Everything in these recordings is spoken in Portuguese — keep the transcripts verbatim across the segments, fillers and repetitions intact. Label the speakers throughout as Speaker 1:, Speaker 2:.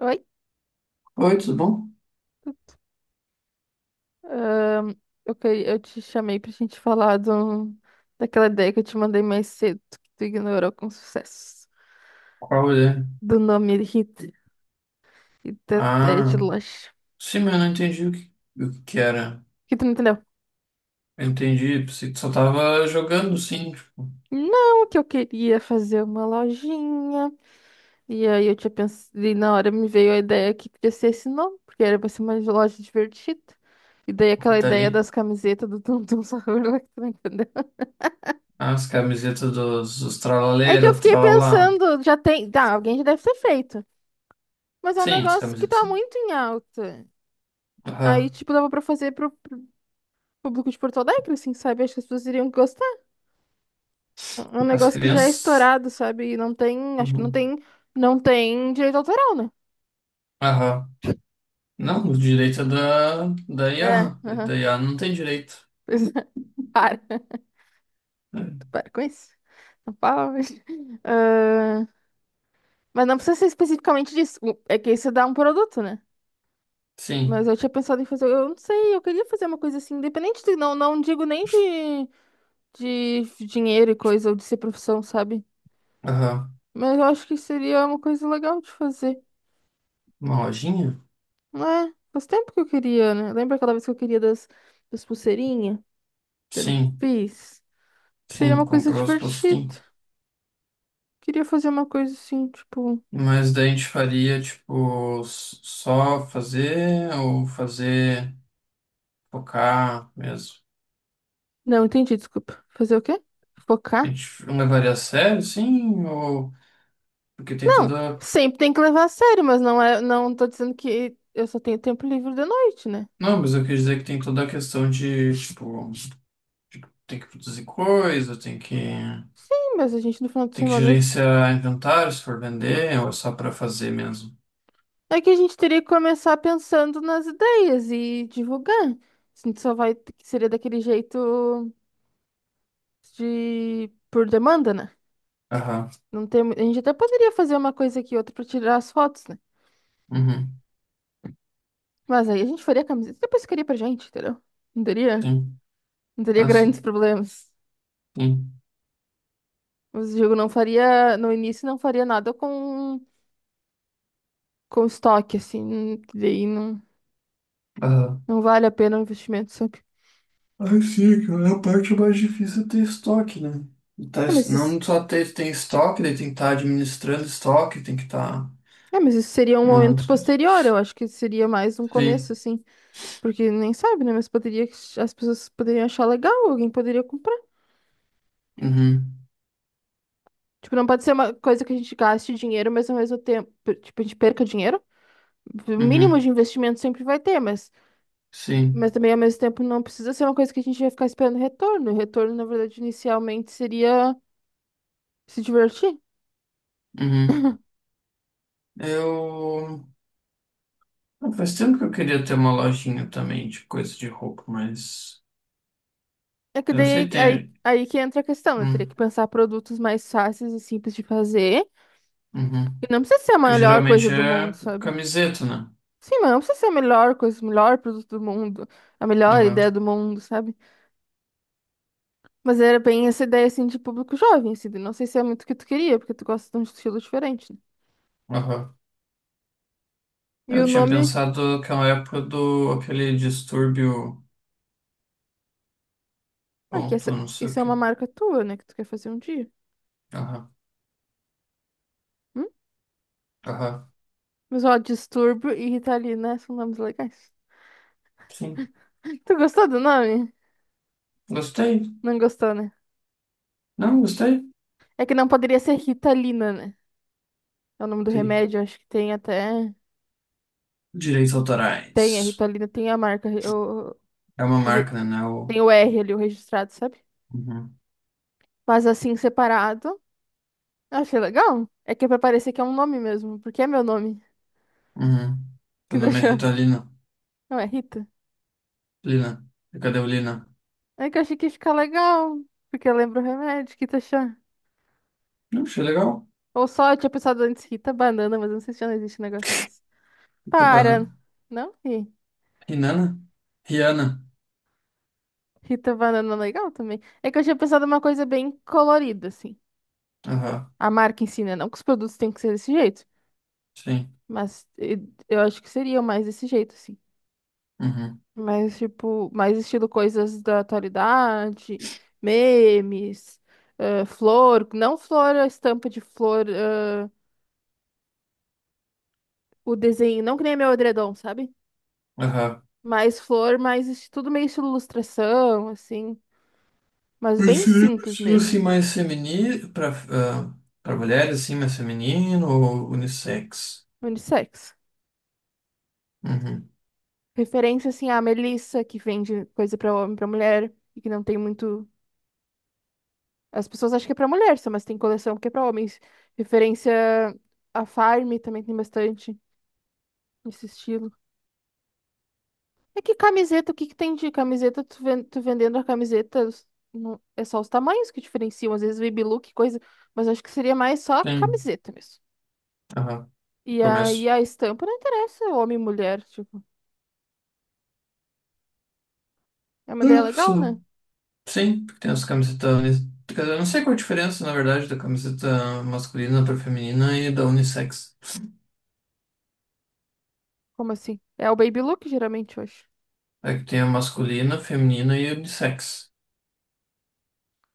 Speaker 1: Oi?
Speaker 2: Oi, tudo bom?
Speaker 1: Ahn, eu, que- eu te chamei pra gente falar do, daquela ideia que eu te mandei mais cedo, que tu ignorou com sucesso.
Speaker 2: Qual é?
Speaker 1: Do nome Rita e da ideia de
Speaker 2: Ah,
Speaker 1: loja.
Speaker 2: sim, mas eu não entendi o que, o que era.
Speaker 1: Que tu não entendeu?
Speaker 2: Eu entendi, você só tava jogando, sim, tipo,
Speaker 1: Não, que eu queria fazer uma lojinha. E aí eu tinha pensado, e na hora me veio a ideia que podia ser esse nome, porque era pra ser uma loja divertida. E daí
Speaker 2: e
Speaker 1: aquela
Speaker 2: tá
Speaker 1: ideia
Speaker 2: ali.
Speaker 1: das camisetas do Tum Tum Sahur, lá que tu não entendeu.
Speaker 2: Ah, as camisetas dos, dos
Speaker 1: É que eu
Speaker 2: tralaleiros,
Speaker 1: fiquei
Speaker 2: tralala.
Speaker 1: pensando, já tem. Tá, alguém já deve ter feito. Mas é um
Speaker 2: Sim, as
Speaker 1: negócio que tá
Speaker 2: camisetas.
Speaker 1: muito em alta. Aí,
Speaker 2: Aham.
Speaker 1: tipo, dava pra fazer pro, pro público de Porto Alegre, assim, sabe? Acho que as pessoas iriam gostar. É um
Speaker 2: As
Speaker 1: negócio que já é
Speaker 2: crianças?
Speaker 1: estourado, sabe? E não tem, acho que não
Speaker 2: Uhum.
Speaker 1: tem, não tem direito autoral, né?
Speaker 2: Aham. Não, o direito é da, da
Speaker 1: É,
Speaker 2: I A. E
Speaker 1: aham.
Speaker 2: da I A não tem direito.
Speaker 1: Pois é. Para.
Speaker 2: É.
Speaker 1: Para com isso. Não fala, mas... Ah, mas não precisa ser especificamente disso. O- É que isso dá um produto, né? Mas
Speaker 2: Sim.
Speaker 1: eu tinha pensado em fazer, eu não sei, eu queria fazer uma coisa assim, independente de, não, não digo nem de, de dinheiro e coisa, ou de ser profissão, sabe?
Speaker 2: Aham.
Speaker 1: Mas eu acho que seria uma coisa legal de fazer.
Speaker 2: Uma lojinha?
Speaker 1: Não é? Faz tempo que eu queria, né? Lembra aquela vez que eu queria das, das pulseirinhas? Que eu não
Speaker 2: Sim.
Speaker 1: fiz. Seria
Speaker 2: Sim,
Speaker 1: uma coisa
Speaker 2: comprou as
Speaker 1: divertida.
Speaker 2: postinhas.
Speaker 1: Queria fazer uma coisa assim, tipo.
Speaker 2: Mas daí a gente faria, tipo, s- só fazer ou fazer focar mesmo?
Speaker 1: Não, entendi, desculpa. Fazer o quê?
Speaker 2: A
Speaker 1: Focar?
Speaker 2: gente não levaria a sério, sim? Ou porque tem
Speaker 1: Não,
Speaker 2: toda.
Speaker 1: sempre tem que levar a sério, mas não é. Não tô dizendo que eu só tenho tempo livre de noite, né?
Speaker 2: Não, mas eu quis dizer que tem toda a questão de, tipo, tem que produzir coisa, tem que,
Speaker 1: Sim, mas a gente no final de
Speaker 2: tem que
Speaker 1: semana.
Speaker 2: gerenciar inventário se for vender, ou é só pra fazer mesmo.
Speaker 1: É que a gente teria que começar pensando nas ideias e divulgar. A gente só vai. Seria daquele jeito. De por demanda, né?
Speaker 2: Aham.
Speaker 1: Não tem, a gente até poderia fazer uma coisa aqui outra pra tirar as fotos, né?
Speaker 2: Uhum.
Speaker 1: Mas aí a gente faria a camiseta e depois ficaria pra gente, entendeu? Não teria,
Speaker 2: Sim.
Speaker 1: não teria
Speaker 2: Ah,
Speaker 1: grandes
Speaker 2: sim.
Speaker 1: problemas.
Speaker 2: Sim.
Speaker 1: Mas o jogo não faria, no início não faria nada com com estoque assim, não- daí não
Speaker 2: Aham.
Speaker 1: não vale a pena o investimento, sabe?
Speaker 2: Ah, sim, cara, a parte mais difícil é ter estoque, né? E tá
Speaker 1: É,
Speaker 2: es-
Speaker 1: mas isso,
Speaker 2: não só ter, tem estoque, daí tem que estar administrando estoque, tem que estar.
Speaker 1: é, mas isso seria um
Speaker 2: Mano,
Speaker 1: momento
Speaker 2: esquece.
Speaker 1: posterior, eu acho que seria mais um começo
Speaker 2: Sim.
Speaker 1: assim, porque nem sabe, né? Mas poderia as pessoas poderiam achar legal, alguém poderia comprar.
Speaker 2: Uhum.
Speaker 1: Tipo, não pode ser uma coisa que a gente gaste dinheiro, mas ao mesmo tempo, tipo, a gente perca dinheiro. O mínimo
Speaker 2: Uhum.
Speaker 1: de investimento sempre vai ter, mas, mas
Speaker 2: Sim.
Speaker 1: também ao mesmo tempo não precisa ser uma coisa que a gente vai ficar esperando retorno. O retorno, na verdade, inicialmente seria se divertir.
Speaker 2: Uhum. Eu. Ah, faz tempo que eu queria ter uma lojinha também de coisa de roupa, mas.
Speaker 1: É que
Speaker 2: Eu não
Speaker 1: daí
Speaker 2: sei
Speaker 1: aí,
Speaker 2: ter.
Speaker 1: aí que entra a questão, né? Teria que
Speaker 2: Hum,
Speaker 1: pensar produtos mais fáceis e simples de fazer. E
Speaker 2: Uhum.
Speaker 1: não precisa ser a
Speaker 2: Porque
Speaker 1: melhor coisa
Speaker 2: geralmente
Speaker 1: do mundo,
Speaker 2: é
Speaker 1: sabe?
Speaker 2: camiseta, né?
Speaker 1: Sim, mas não precisa ser a melhor coisa, o melhor produto do mundo, a melhor
Speaker 2: Aham.
Speaker 1: ideia do mundo, sabe? Mas era bem essa ideia, assim, de público jovem, assim. Não sei se é muito o que tu queria, porque tu gosta de um estilo diferente, né?
Speaker 2: Aham.
Speaker 1: E
Speaker 2: Eu
Speaker 1: o
Speaker 2: tinha
Speaker 1: nome...
Speaker 2: pensado naquela época do aquele distúrbio
Speaker 1: Ah, que
Speaker 2: ponto,
Speaker 1: essa...
Speaker 2: não sei o
Speaker 1: Isso é uma
Speaker 2: que.
Speaker 1: marca tua, né? Que tu quer fazer um dia. Hum?
Speaker 2: Aham.
Speaker 1: Mas, ó, Distúrbio e Ritalina são nomes legais.
Speaker 2: Sim.
Speaker 1: Tu gostou do nome?
Speaker 2: Gostei.
Speaker 1: Não gostou, né?
Speaker 2: Não, gostei.
Speaker 1: É que não poderia ser Ritalina, né? É o nome do
Speaker 2: Sim.
Speaker 1: remédio, acho que tem até...
Speaker 2: Direitos
Speaker 1: Tem, a
Speaker 2: autorais.
Speaker 1: Ritalina tem a marca... O...
Speaker 2: É uma
Speaker 1: o
Speaker 2: marca,
Speaker 1: re-
Speaker 2: né? Não é O...
Speaker 1: Tem o R ali, o registrado, sabe?
Speaker 2: Uhum.
Speaker 1: Mas assim, separado, eu achei legal. É que é pra parecer que é um nome mesmo, porque é meu nome
Speaker 2: Uhum.
Speaker 1: que
Speaker 2: Seu nome é
Speaker 1: deixou.
Speaker 2: Rita Lina.
Speaker 1: Não, é Rita.
Speaker 2: Lina. Cadê o Lina?
Speaker 1: É que eu achei que ia ficar legal, porque eu lembro o remédio, que tá achando.
Speaker 2: Não, achei legal.
Speaker 1: Ou só eu tinha pensado antes Rita Banana, mas eu não sei se já não existe um negócio desse.
Speaker 2: Rita
Speaker 1: Para!
Speaker 2: Banana.
Speaker 1: Não ri.
Speaker 2: Rinana? Rihanna.
Speaker 1: Rita Banana é legal também. É que eu tinha pensado uma coisa bem colorida, assim.
Speaker 2: Aham.
Speaker 1: A marca ensina, não que os produtos tenham que ser desse jeito,
Speaker 2: Sim.
Speaker 1: mas eh, eu acho que seriam mais desse jeito, assim.
Speaker 2: Uhum.
Speaker 1: Mais, tipo, mais estilo coisas da atualidade, memes, eh, flor, não flor, a estampa de flor. Ah, o desenho, não que nem meu edredom, sabe?
Speaker 2: Aham.
Speaker 1: Mais flor, mais es- tudo meio estilo ilustração, assim, mas bem
Speaker 2: Esse livro é um
Speaker 1: simples
Speaker 2: estilo assim
Speaker 1: mesmo,
Speaker 2: mais feminino para para mulheres assim mais feminino ou unissex?
Speaker 1: unissex.
Speaker 2: Uhum.
Speaker 1: Referência, assim, à Melissa, que vende coisa pra homem, pra mulher, e que não tem muito... As pessoas acham que é pra mulher só, mas tem coleção que é pra homens. Referência à Farm também tem bastante nesse estilo. É que camiseta, o que que tem de camiseta? Tu, ven- tu vendendo a camiseta, os- não- é só os tamanhos que diferenciam, às vezes baby look, coisa, mas acho que seria mais só
Speaker 2: Sim.
Speaker 1: camiseta mesmo.
Speaker 2: Aham.
Speaker 1: E aí
Speaker 2: Começo.
Speaker 1: a estampa não interessa homem e mulher, tipo. É uma ideia
Speaker 2: Ah,
Speaker 1: legal,
Speaker 2: só.
Speaker 1: né?
Speaker 2: Sim, porque tem as camisetas. uni- Quer dizer, eu não sei qual a diferença, na verdade, da camiseta masculina para feminina e da unissex.
Speaker 1: Como assim? É o baby look, geralmente, eu acho.
Speaker 2: É que tem a masculina, feminina e unissex.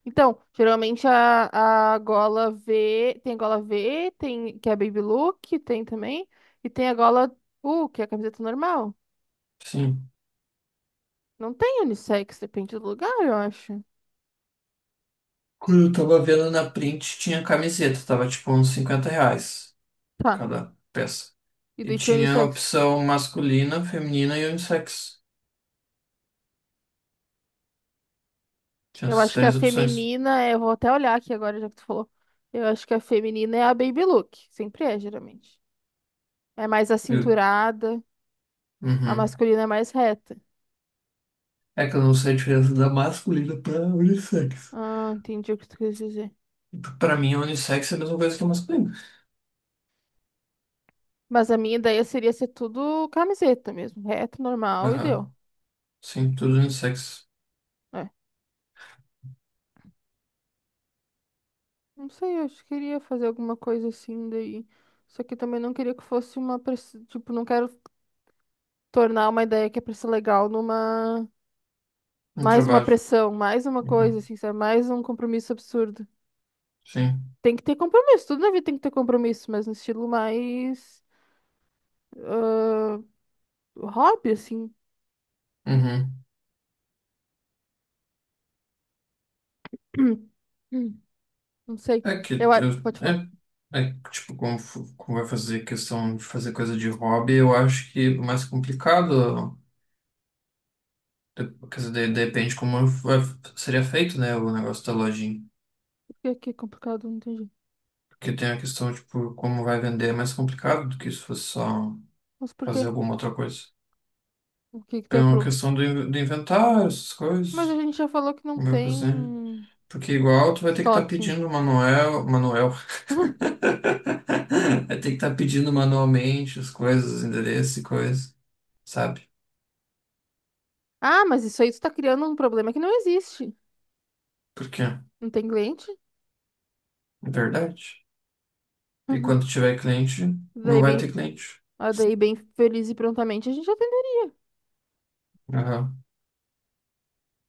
Speaker 1: Então, geralmente a, a gola V, tem a gola V, tem, que é baby look, tem também, e tem a gola U, que é a camiseta normal.
Speaker 2: Sim.
Speaker 1: Não tem unissex, depende do lugar, eu acho.
Speaker 2: Quando eu tava vendo na print, tinha camiseta, tava tipo uns cinquenta reais
Speaker 1: Tá,
Speaker 2: cada peça.
Speaker 1: e
Speaker 2: E
Speaker 1: daí tinha
Speaker 2: tinha a
Speaker 1: unissex.
Speaker 2: opção masculina, feminina e unissex. Tinha
Speaker 1: Eu
Speaker 2: essas
Speaker 1: acho que a
Speaker 2: três opções.
Speaker 1: feminina, é- eu vou até olhar aqui agora, já que tu falou. Eu acho que a feminina é a baby look, sempre é, geralmente. É mais
Speaker 2: Eu-
Speaker 1: acinturada. A
Speaker 2: Uhum.
Speaker 1: masculina é mais reta.
Speaker 2: É que eu não sei a diferença da masculina pra unissex.
Speaker 1: Ah, entendi o que tu quis dizer.
Speaker 2: Pra mim, a unissex é a mesma coisa que a masculina.
Speaker 1: Mas a minha ideia seria ser tudo camiseta mesmo, reto, normal e deu.
Speaker 2: Aham. Sim, tudo no sexo.
Speaker 1: É. Não sei, eu acho que queria fazer alguma coisa assim daí. Só que também não queria que fosse uma pressão. Tipo, não quero tornar uma ideia que é pra ser legal numa.
Speaker 2: No
Speaker 1: Mais uma
Speaker 2: trabalho.
Speaker 1: pressão, mais uma coisa,
Speaker 2: Uhum.
Speaker 1: assim, sabe? Mais um compromisso absurdo.
Speaker 2: Sim.
Speaker 1: Tem que ter compromisso, tudo na vida tem que ter compromisso, mas no estilo mais. ah, Hobby, assim.
Speaker 2: Uhum.
Speaker 1: Não sei.
Speaker 2: É que
Speaker 1: Eu a-
Speaker 2: eu-
Speaker 1: Pode falar.
Speaker 2: é, é que, tipo, como, fu- como vai fazer questão de fazer coisa de hobby, eu acho que o mais complicado, de- quer dizer, de- depende como vai- seria feito, né, o negócio da lojinha.
Speaker 1: que que é complicado? Não entendi.
Speaker 2: Porque tem a questão, tipo, como vai vender é mais complicado do que se fosse só
Speaker 1: Mas por quê?
Speaker 2: fazer alguma outra coisa.
Speaker 1: O que que
Speaker 2: Tem
Speaker 1: tem
Speaker 2: uma
Speaker 1: pro...
Speaker 2: questão do, in- do inventário, essas
Speaker 1: Mas a
Speaker 2: coisas,
Speaker 1: gente já falou que não
Speaker 2: como vai fazer.
Speaker 1: tem
Speaker 2: Porque igual tu vai ter que estar
Speaker 1: estoque.
Speaker 2: pedindo manuel, manuel. Vai ter que estar pedindo manualmente as coisas, os endereços e coisas, sabe?
Speaker 1: Ah, mas isso aí tu tá criando um problema que não existe.
Speaker 2: Porque é
Speaker 1: Não tem cliente?
Speaker 2: verdade. E
Speaker 1: Uhum.
Speaker 2: quando tiver cliente, não
Speaker 1: Daí
Speaker 2: vai
Speaker 1: bem,
Speaker 2: ter cliente.
Speaker 1: ah, daí bem feliz e prontamente a gente atendeu.
Speaker 2: Aham.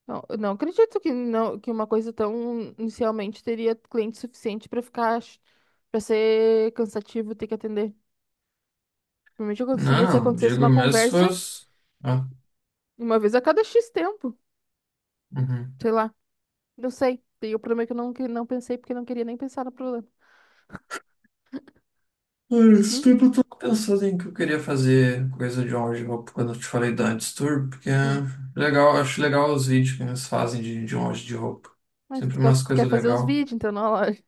Speaker 1: Não, eu não acredito que não que uma coisa tão inicialmente teria cliente suficiente pra ficar para ser cansativo ter que atender. Provavelmente aconteceria se
Speaker 2: Não, não,
Speaker 1: acontecesse
Speaker 2: digo
Speaker 1: uma
Speaker 2: mesmo se
Speaker 1: conversa
Speaker 2: fosse. Ah,
Speaker 1: uma vez a cada xis tempo,
Speaker 2: uhum.
Speaker 1: sei lá. Eu sei. E o problema é que eu não, que- não pensei porque eu não queria nem pensar no problema.
Speaker 2: Olha, esse
Speaker 1: Hum?
Speaker 2: tempo eu tô pensando em que eu queria fazer coisa de on roupa quando eu te falei da Antes Tour, porque
Speaker 1: Hum.
Speaker 2: é legal, acho legal os vídeos que eles fazem de, de on de roupa.
Speaker 1: Mas tu
Speaker 2: Sempre
Speaker 1: gosta,
Speaker 2: umas
Speaker 1: tu quer
Speaker 2: coisas
Speaker 1: fazer os
Speaker 2: legais.
Speaker 1: vídeos, então na loja.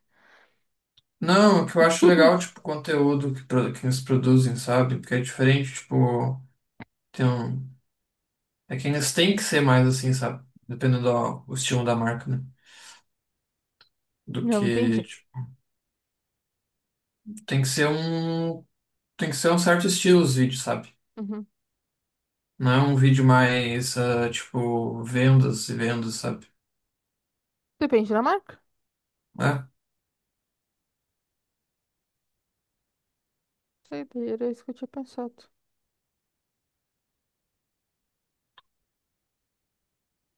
Speaker 2: Não, o que eu acho legal, tipo, o conteúdo que, pro- que eles produzem, sabe? Porque é diferente, tipo, tem um... É que eles têm que ser mais assim, sabe? Dependendo do o estilo da marca, né? Do
Speaker 1: Não,
Speaker 2: que,
Speaker 1: entendi.
Speaker 2: tipo, tem que ser um... Tem que ser um certo estilo os vídeos, sabe?
Speaker 1: Uhum.
Speaker 2: Não é um vídeo mais, ah, tipo, vendas e vendas, sabe?
Speaker 1: Depende da marca?
Speaker 2: Né?
Speaker 1: Sei, daí era isso que eu tinha pensado.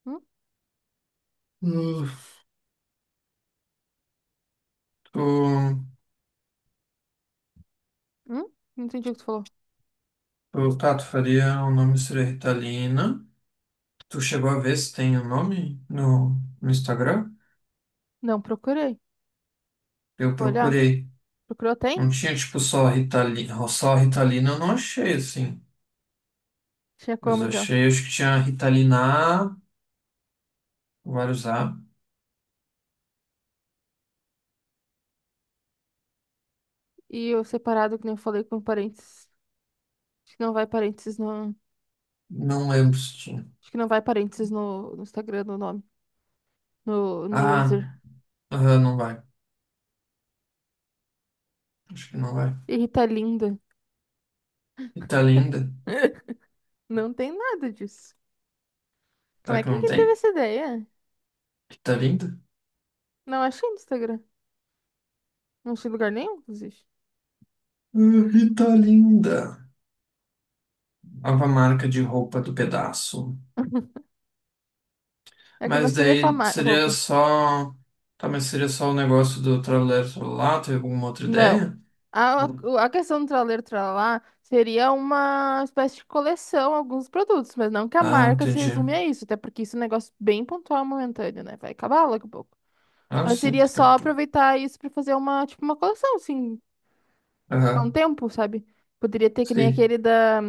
Speaker 1: Hum?
Speaker 2: Hum, Tu,
Speaker 1: Hum? Não entendi o que tu falou.
Speaker 2: tu, tá, tu faria o nome seria Ritalina. Tu chegou a ver se tem o nome no, no Instagram?
Speaker 1: Não, procurei.
Speaker 2: Eu
Speaker 1: Vou olhar.
Speaker 2: procurei.
Speaker 1: Procurou,
Speaker 2: Não
Speaker 1: tem?
Speaker 2: tinha, tipo, só Ritalina, só Ritalina eu não achei, assim.
Speaker 1: Tinha
Speaker 2: Mas
Speaker 1: como,
Speaker 2: eu
Speaker 1: então.
Speaker 2: achei, acho que tinha Ritalina A, vários A.
Speaker 1: E o separado, que nem eu falei, com parênteses. Acho que não vai parênteses no...
Speaker 2: Não lembro se tinha.
Speaker 1: Acho que não vai parênteses no, no Instagram, no nome. No, no
Speaker 2: Ah,
Speaker 1: user.
Speaker 2: aham, não vai. Acho que não vai.
Speaker 1: E Rita Linda.
Speaker 2: Ritalinda.
Speaker 1: Não tem nada disso. Como
Speaker 2: Será
Speaker 1: é
Speaker 2: que
Speaker 1: que
Speaker 2: não
Speaker 1: ninguém teve
Speaker 2: tem?
Speaker 1: essa ideia?
Speaker 2: Ritalinda?
Speaker 1: Não achei no Instagram. Não achei em lugar nenhum, inclusive.
Speaker 2: Ah, Ritalinda. Nova marca de roupa do pedaço.
Speaker 1: É que não
Speaker 2: Mas
Speaker 1: seria só
Speaker 2: daí
Speaker 1: ma-
Speaker 2: seria
Speaker 1: roupa.
Speaker 2: só... Tá, mas seria só o negócio do trabalhador celular? Teve alguma outra
Speaker 1: Não.
Speaker 2: ideia?
Speaker 1: A, a questão do traleiro tralalá seria uma espécie de coleção, alguns produtos, mas não que a
Speaker 2: Ah,
Speaker 1: marca se
Speaker 2: entendi.
Speaker 1: resume a isso, até porque isso é um negócio bem pontual, momentâneo, né? Vai acabar logo a pouco.
Speaker 2: Ah,
Speaker 1: Mas
Speaker 2: sim.
Speaker 1: seria
Speaker 2: Daqui a
Speaker 1: só
Speaker 2: pouco.
Speaker 1: aproveitar isso pra fazer uma, tipo, uma coleção, assim, há um
Speaker 2: Aham,
Speaker 1: tempo, sabe? Poderia ter que nem
Speaker 2: sei.
Speaker 1: aquele da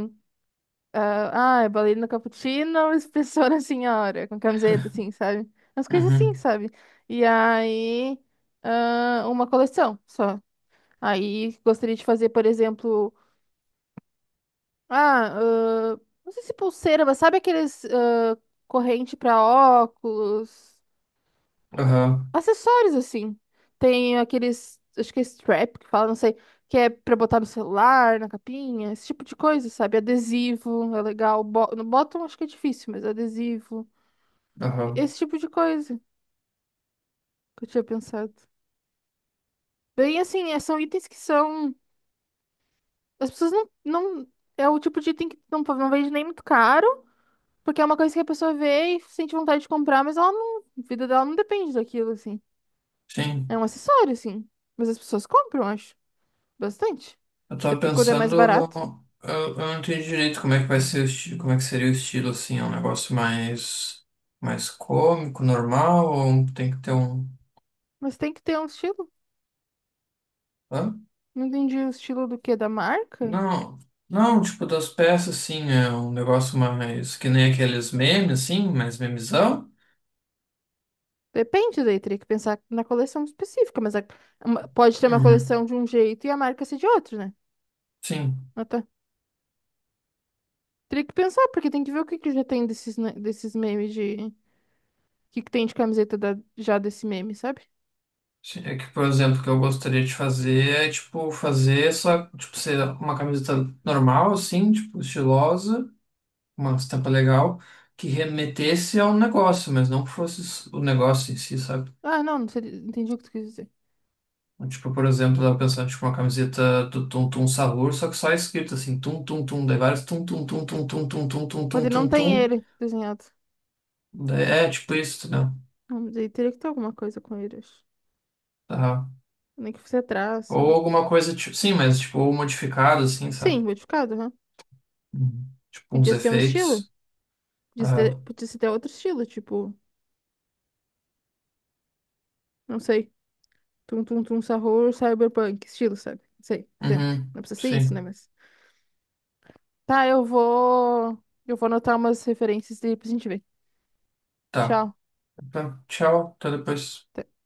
Speaker 1: Ah, é bailarina cappuccino, espessora senhora, com camiseta, assim, sabe? As coisas assim,
Speaker 2: Uhum.
Speaker 1: sabe? E aí, ah, uma coleção só. Aí, gostaria de fazer, por exemplo, ah, ah, não sei se pulseira, mas sabe aqueles ah, corrente pra óculos,
Speaker 2: Aham,
Speaker 1: acessórios, assim. Tem aqueles, acho que é strap que fala, não sei, que é pra botar no celular, na capinha, esse tipo de coisa, sabe? Adesivo, é legal. Bo- No bottom acho que é difícil, mas adesivo.
Speaker 2: aham.
Speaker 1: Esse tipo de coisa que eu tinha pensado. Bem, assim, é- são itens que são. As pessoas não, não. É o tipo de item que não, não vende nem muito caro, porque é uma coisa que a pessoa vê e sente vontade de comprar, mas ela não. A vida dela não depende daquilo, assim. É
Speaker 2: Sim.
Speaker 1: um acessório, assim. Mas as pessoas compram, acho. Bastante.
Speaker 2: Eu
Speaker 1: Até
Speaker 2: tava
Speaker 1: porque quando é mais
Speaker 2: pensando,
Speaker 1: barato.
Speaker 2: eu, eu não entendi direito como é que vai ser o estilo, como é que seria o estilo assim, é um negócio mais mais cômico, normal, ou um- tem que ter um.
Speaker 1: Mas tem que ter um estilo.
Speaker 2: Hã?
Speaker 1: Não entendi o estilo do quê? Da marca?
Speaker 2: Não, não, tipo das peças assim, é um negócio mais que nem aqueles memes, assim, mais memezão.
Speaker 1: Depende, daí teria que pensar na coleção específica, mas a- uma- pode ter uma
Speaker 2: Uhum.
Speaker 1: coleção de um jeito e a marca ser de outro, né?
Speaker 2: Sim.
Speaker 1: Ah, tá. Teria que pensar, porque tem que ver o que que já tem desses, ne- desses memes de. O que que tem de camiseta da- já desse meme, sabe?
Speaker 2: Sim, é que, por exemplo, o que eu gostaria de fazer é, tipo, fazer só, tipo, ser uma camiseta normal, assim, tipo, estilosa. Uma estampa legal que remetesse ao negócio, mas não que fosse s- o negócio em si, sabe?
Speaker 1: Ah, não, não sei, entendi o que tu quis dizer.
Speaker 2: Então, tipo, por exemplo, eu tava pensando, tipo, uma camiseta do Tum Tum Sahur, só que só escrito assim, Tum Tum Tum, daí vários Tum Tum Tum Tum Tum Tum Tum Tum
Speaker 1: Mas
Speaker 2: Tum
Speaker 1: ele não
Speaker 2: Tum
Speaker 1: tem
Speaker 2: Tum,
Speaker 1: ele desenhado.
Speaker 2: daí é tipo isso, né?
Speaker 1: Não, mas aí teria que ter alguma coisa com ele, acho.
Speaker 2: Tá.
Speaker 1: Nem que fosse
Speaker 2: Ou
Speaker 1: traço.
Speaker 2: alguma coisa, tipo, sim, mas tipo, ou modificado, assim,
Speaker 1: Sim,
Speaker 2: sabe?
Speaker 1: modificado, né?
Speaker 2: Uhum. Tipo, uns
Speaker 1: Podia ser um estilo.
Speaker 2: efeitos.
Speaker 1: Podia ser,
Speaker 2: Aham.
Speaker 1: podia ser até outro estilo, tipo, não sei. Tum tum tum sarror, cyberpunk, estilo, sabe? Não sei, exemplo.
Speaker 2: Uhum.
Speaker 1: Não precisa ser isso, né?
Speaker 2: Sim,
Speaker 1: Mas. Tá, eu vou. Eu vou anotar umas referências e depois a gente vê.
Speaker 2: tá.
Speaker 1: Tchau.
Speaker 2: Tá, tchau, até depois.
Speaker 1: Até.